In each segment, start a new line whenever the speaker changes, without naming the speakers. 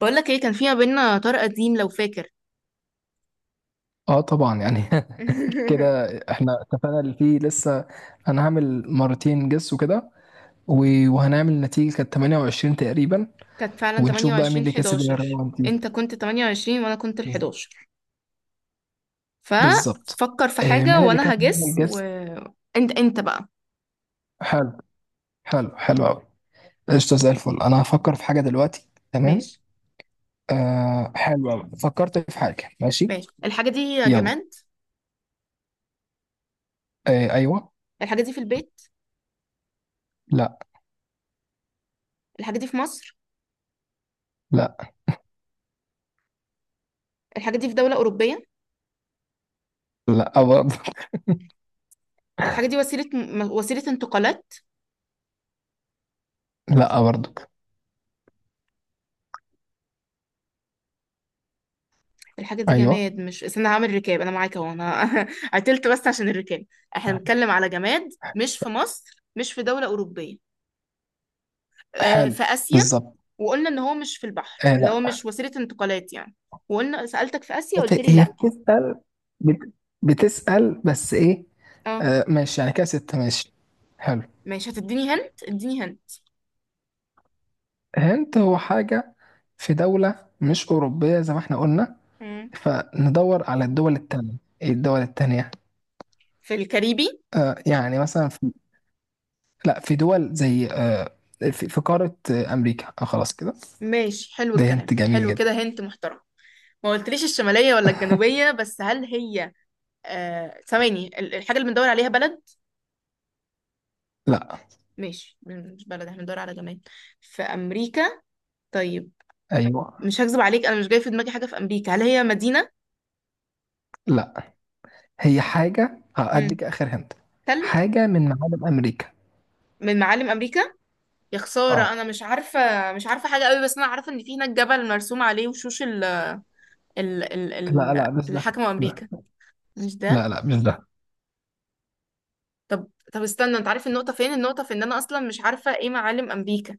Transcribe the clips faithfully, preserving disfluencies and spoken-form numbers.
بقول لك ايه، كان في ما بيننا طار قديم لو فاكر.
اه طبعا يعني. كده احنا اتفقنا اللي فيه لسه. انا هعمل مرتين جس وكده. و- وهنعمل نتيجة كانت تمانية وعشرين تقريبا.
كانت فعلا
ونشوف بقى مين
ثمانية وعشرين،
اللي كسب
حداشر.
الراوند دي.
انت كنت تمانية وعشرين وانا كنت ال حداشر.
بالظبط.
ففكر في
آه،
حاجة
مين اللي كان
وانا
بيعمل
هجس. و
جس؟
انت انت بقى.
حلو. حلو حلو قوي. قشطة زي الفل. انا هفكر في حاجة دلوقتي، تمام.
ماشي.
آه حلو قوي، فكرت في حاجة. ماشي.
ماشي. الحاجة دي
يلا.
جماد.
آه ايوه.
الحاجة دي في البيت.
لا.
الحاجة دي في مصر.
لا
الحاجة دي في دولة أوروبية.
لا برضه.
الحاجة دي وسيلة م- وسيلة انتقالات.
لا برضه.
الحاجة دي
ايوه.
جماد، مش؟ استنى، هعمل ركاب أنا معاك أهو. أنا قتلت بس عشان الركاب. احنا بنتكلم على جماد، مش في مصر، مش في دولة أوروبية. آه،
حلو.
في آسيا.
بالظبط.
وقلنا ان هو مش في البحر، اللي هو
آه،
مش وسيلة انتقالات يعني. وقلنا سألتك في آسيا قلت
بت-
لي
هي
لا.
بتسأل. بت... بتسأل بس ايه؟
اه،
آه ماشي، يعني كده ستة. ماشي. حلو.
ماشي. هتديني هنت؟ اديني هنت.
هنت هو حاجة في دولة مش أوروبية زي ما احنا قلنا.
مم.
فندور على الدول التانية. ايه الدول التانية؟
في الكاريبي.
آه يعني مثلا في... لا، في دول زي آه، في, في قارة آه أمريكا آه. خلاص كده.
ماشي، حلو
ده
الكلام،
هنت جميل
حلو
جدا.
كده. هنت محترم. ما قلتليش الشمالية ولا الجنوبية، بس هل هي... آه، ثواني، ال- الحاجة اللي بندور عليها بلد؟
لا.
ماشي، مش بلد، احنا بندور على جماد. في أمريكا. طيب،
أيوه.
مش هكذب عليك، انا مش جاي في دماغي حاجة في أمريكا. هل هي مدينة؟
لا، هي حاجة. آه،
مم.
أديك آخر هنت.
تلج.
حاجة من معالم أمريكا.
من معالم أمريكا. يا خسارة أنا
اه.
مش عارفة، مش عارفة حاجة قوي. بس أنا عارفة إن في هناك جبل مرسوم عليه وشوش ال ال ال
لا
ال
لا مش
اللي
ده.
حكموا
لا
أمريكا. مش
لا
ده؟
لا مش ده.
طب طب استنى، أنت عارف النقطة فين؟ النقطة في إن أنا أصلا مش عارفة إيه معالم أمريكا.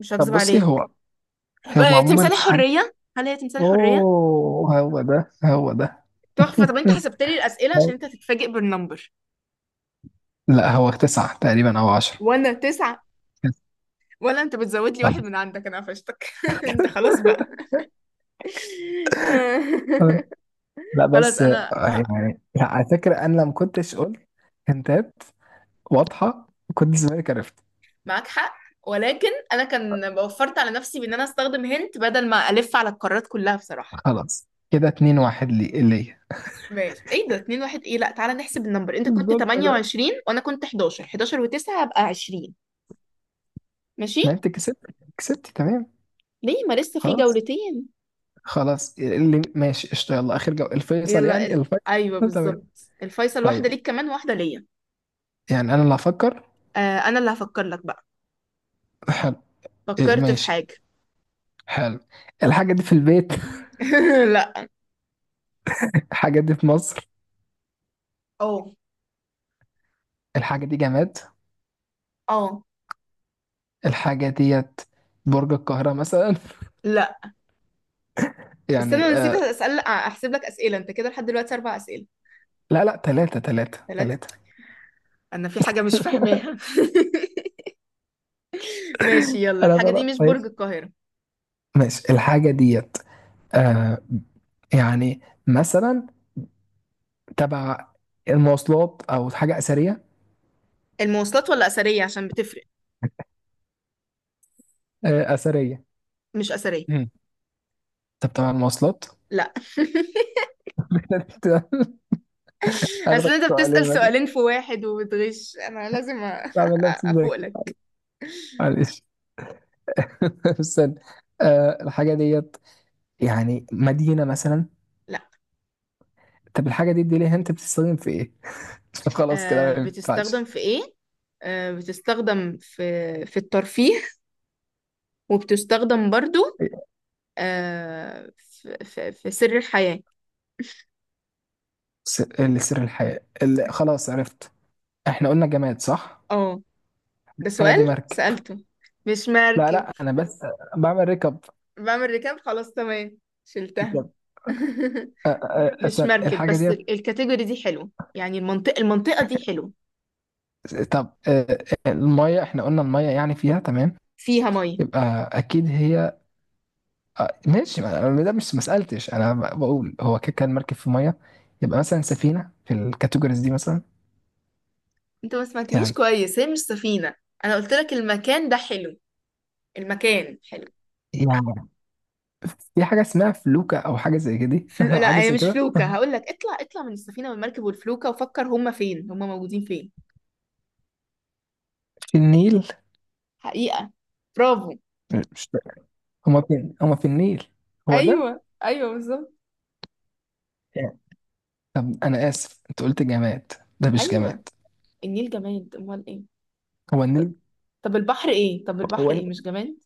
مش
طب
هكذب
بصي، هو
عليك.
هو
آه، تمثال
عموما حاجة.
الحرية. هل هي تمثال الحرية؟
اوه هو ده هو ده.
تحفة! طب أنت
مم.
حسبت لي الأسئلة؟ عشان
هو-
أنت هتتفاجئ بالنمبر.
لا هو تسعة تقريبا او عشرة.
وأنا تسعة. ولا أنت بتزود لي واحد
خلاص.
من عندك؟ أنا قفشتك. أنت خلاص بقى.
آه، لا
خلاص.
بس آه،
أنا
يعني لا، على فكرة انا لما كنتش قلت هنتات واضحة كنت زمانك عرفت.
معاك حق، ولكن انا كان وفرت على نفسي بان انا استخدم هنت بدل ما الف على القارات كلها بصراحه.
خلاص كده اتنين واحد لي ليا.
ماشي. ايه ده؟ اتنين واحد ايه؟ لا تعالى نحسب النمبر. انت كنت
الظلم ده.
تمانية وعشرين وانا كنت حداشر. حداشر و9 هبقى عشرين. ماشي.
ما انت كسبت. كسبت تمام.
ليه؟ ما لسه في
خلاص
جولتين.
خلاص اللي ماشي قشطة. يلا اخر جو الفيصل،
يلا
يعني
ال...
الفيصل
ايوه،
تمام.
بالظبط الفيصل، واحده
طيب،
ليك كمان واحده ليا.
يعني انا اللي هفكر.
آه، انا اللي هفكر لك بقى.
حلو. إيه،
فكرت في
ماشي.
حاجه.
حلو. الحاجة دي في البيت.
لا.
الحاجة دي في مصر.
اه.
الحاجة دي جماد.
اه.
الحاجة ديت برج القاهرة مثلا.
لا. استنى،
يعني
أنا نسيت
آه.
اسال، احسب لك اسئله، انت كده لحد دلوقتي اربع اسئله.
لا لا، تلاتة تلاتة تلاتة.
ثلاثه. انا في حاجه مش فاهماها. ماشي، يلا،
لا لا
الحاجة دي
لا
مش برج
ماشي.
القاهرة.
ماشي الحاجة ديت. آه، يعني مثلا تبع المواصلات أو حاجة أثرية.
المواصلات ولا أثرية؟ عشان بتفرق.
آه أثرية.
مش أثرية.
مم. طب تبع المواصلات.
لا. أصل
هاخدك
أنت بتسأل
سؤالين مثلا.
سؤالين في واحد وبتغش، أنا لازم أ-
بعمل نفسي
أفوق
ذكي.
لك.
معلش. استنى. آه الحاجة ديت يعني مدينة مثلا.
لا.
طب الحاجة دي اديني هنت بتستخدم في ايه؟ خلاص كده ما
أه بتستخدم
ينفعش.
في إيه؟ أه بتستخدم في في الترفيه، وبتستخدم برضو، أه، في, في, في سر الحياة.
س- اللي سر الحياة اللي خلاص عرفت. احنا قلنا جماد صح؟
اه. ده
الحاجة
سؤال
دي مركب.
سألته. مش
لا
مركب.
لا، انا بس بعمل ركب.
بعمل ركاب، خلاص تمام، شلتها.
ركب. أ- أ-
مش
أصلا
مركب،
الحاجة
بس
ديت.
ال- الكاتيجوري دي حلو يعني، المنطقة، المنطقة دي حلو.
طب أ- المية احنا قلنا المية يعني فيها تمام.
فيها مية.
يبقى اكيد هي. أ- ماشي، ما أنا- ده مش ما سألتش، انا ب- بقول هو كده كان مركب في مية. يبقى مثلا سفينة في الكاتيجوريز دي مثلا.
انت ما سمعتنيش
يعني.
كويس، هي مش سفينة. انا قلت لك المكان ده حلو، المكان حلو.
يعني في حاجة اسمها فلوكة أو حاجة زي كده.
فل... لا
حاجة
هي
زي
مش
كده.
فلوكة. هقول لك اطلع، اطلع من السفينة والمركب والفلوكة، وفكر هما فين، هما موجودين فين.
في النيل.
حقيقة. برافو.
مش، هما فين؟ هما في النيل. هو ده.
ايوه ايوه بالظبط.
يعني. طب أنا آسف، أنت قلت جماد. ده مش
ايوه،
جماد.
النيل جماد، امال ايه؟
هو
ط-
النيل.
طب البحر ايه؟ طب
هو
البحر ايه؟
النيل
مش جماد؟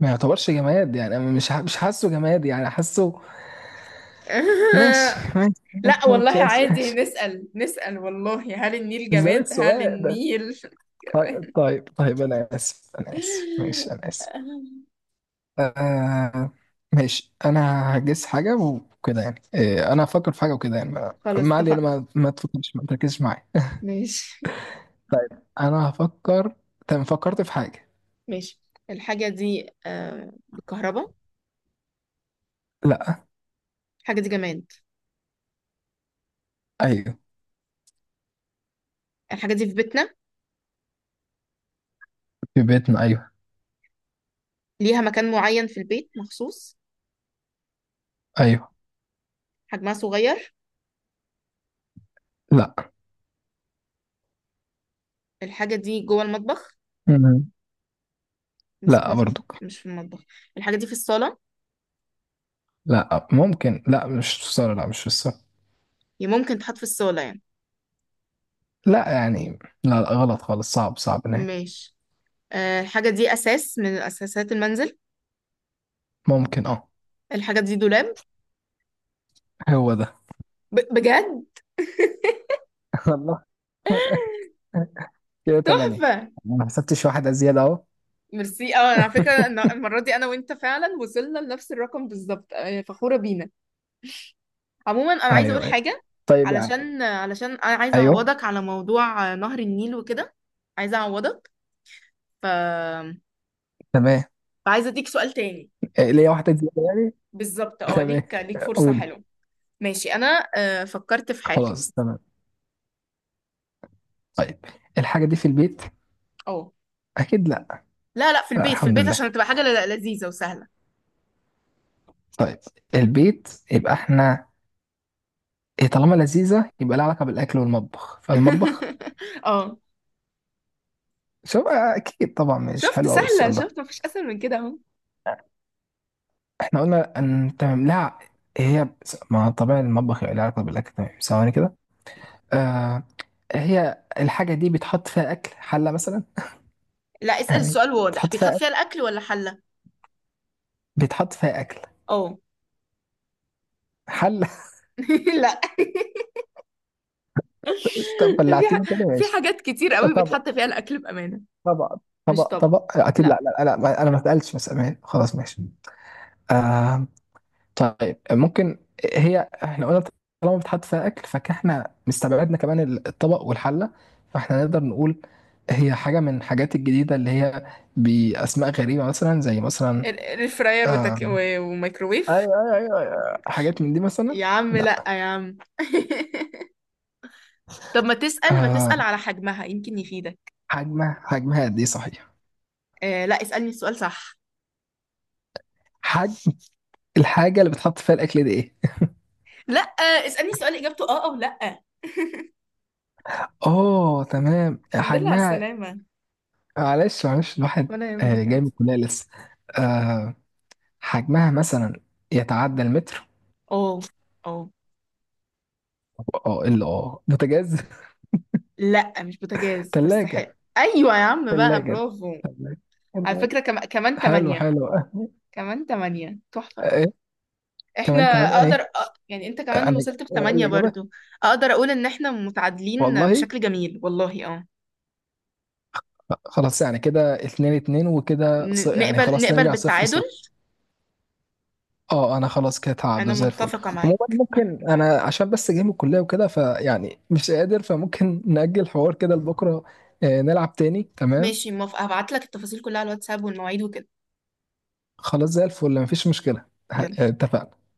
ما يعتبرش جماد، يعني أنا مش ح- مش حاسه جماد، يعني حاسه. ماشي ماشي ماشي
لا
ماشي
والله
ماشي
عادي
ماشي.
نسأل، نسأل والله: هل النيل
مش ده
جماد؟ هل
السؤال ده.
النيل
طيب
جماد؟
طيب طيب، أنا آسف أنا آسف ماشي أنا آسف. آه ماشي انا هجس حاجه وكده، يعني آه انا هفكر في حاجه وكده يعني ما
خلاص
ما علينا،
اتفقنا.
ما, ما تفكرش ما تركزش معايا.
ماشي.
انا هفكر. تمام فكرت في حاجه.
ماشي. الحاجة دي آه بالكهرباء؟
لا.
الحاجة دي جماد.
ايوه
الحاجة دي في بيتنا.
في بيتنا ايوه.
ليها مكان معين في البيت مخصوص.
ايوه.
حجمها صغير.
لا.
الحاجة دي جوه المطبخ.
مم.
مس...
لا
مس...
برضو.
مش في المطبخ. الحاجة دي في الصالة.
لا ممكن، لا مش في الصاله، لا مش في الصاله.
هي ممكن تتحط في الصالة يعني.
لا يعني، لا, لا غلط خالص. صعب صعب نهائي.
ماشي. آه، الحاجة دي أساس من أساسات المنزل.
ممكن اه.
الحاجة دي دولاب.
هو ده.
ب... بجد؟
الله. كده تمانية.
تحفة.
ما حسبتش واحدة زيادة اهو.
ميرسي. اه، على فكرة، أنا- المرة دي انا وانت فعلا وصلنا لنفس الرقم بالظبط. آه، فخورة بينا. عموما انا عايزة اقول
ايوه أيوة.
حاجة.
طيب يعني.
علشان علشان انا عايزة
ايوه
اعوضك على موضوع آه، نهر النيل وكده. عايزة اعوضك. ف.
تمام.
فعايزة اديك سؤال تاني.
آه، ليا واحدة زيادة.
بالظبط. اه،
تمام.
ليك، ليك فرصة
قولي.
حلوة. ماشي. انا آه، فكرت في حاجة.
خلاص تمام. طيب، الحاجة دي في البيت.
اه.
أكيد لا،
لا لا، في
لا
البيت، في
الحمد
البيت،
لله.
عشان تبقى حاجة ل- لذيذة وسهلة.
طيب، البيت يبقى احنا إيه. طالما لذيذة يبقى لها علاقة بالأكل والمطبخ، فالمطبخ.
اه.
شوف، آه، أكيد طبعا مش
شفت
حلو أوي
سهلة؟
السؤال ده.
شفت مفيش اسهل من كده اهو.
احنا قلنا أن تمام لا. هي بس- ما طبعا المطبخ يبقى لها علاقة بالأكل تمام، ثواني كده. آه. هي الحاجة دي بيتحط فيها أكل، حلة مثلا.
لا، اسأل
يعني
السؤال واضح:
بتحط فيها
بيتحط
أكل،
فيها الاكل ولا حلة؟
بيتحط فيها أكل.
اه.
حلة.
لا.
طب
في
بلعتني تاني
ح... في
ماشي.
حاجات كتير قوي
طب
بيتحط فيها الاكل بامانه.
طبق.
مش
طبق
طبق.
طبق اكيد لا
لا.
لا لا، ما- انا ما سالتش، بس امان خلاص ماشي. آه. طيب ممكن. هي احنا قلنا، طالما بتحط فيها اكل فاحنا مستبعدنا كمان الطبق والحله. فاحنا نقدر نقول هي حاجه من الحاجات الجديده اللي هي باسماء غريبه مثلا زي مثلا
ال- الاير فراير
آه.
وتك... و... وميكروويف.
ايوه ايوه ايوه أيوة. حاجات من دي مثلا.
يا عم
لا.
لا يا عم. طب ما تسال، ما تسال
آه
على حجمها يمكن يفيدك.
حجمها، حجمها قد ايه صحيح.
آه لا، اسألني السؤال صح.
حجم الحاجه اللي بتحط فيها الاكل دي ايه؟
لا آه، اسالني سؤال اجابته اه او لا.
اه تمام
الحمد لله على
حجمها.
السلامه.
معلش معلش الواحد
ولا يهمك،
آه، جاي من
كانت.
الكلية لسه. آه، حجمها مثلا يتعدى المتر.
اه. اه.
اه الا اه بوتاجاز.
لا مش بوتاجاز، بس حلو،
تلاجة.
ايوه يا عم بقى،
تلاجة.
برافو.
تلاجة.
على
تلاجة.
فكرة كم... كمان
حلو
تمانية.
حلو. آه،
كمان تمانية، تحفة.
ايه
احنا...
كمان. كمان
اقدر
ايه.
أ- يعني انت
آه،
كمان
انا.
وصلت
آه،
بثمانية
الإجابة.
برضو. اقدر اقول ان احنا متعادلين
والله.
بشكل جميل والله. اه.
خلاص يعني كده اتنين اتنين وكده، ص-
ن-
يعني
نقبل،
خلاص
نقبل
نرجع صفر
بالتعادل.
صفر. اه انا خلاص كده تعدوا
انا
زي الفل.
متفقة
عموما
معاك.
ممكن انا عشان بس جاي من الكلية وكده، فيعني مش قادر، فممكن نأجل الحوار كده لبكرة. آه، نلعب تاني تمام.
ماشي، موافقة، هبعت لك التفاصيل كلها على الواتساب والمواعيد وكده.
خلاص زي الفل مفيش مشكلة. ه-
يلا.
اتفقنا.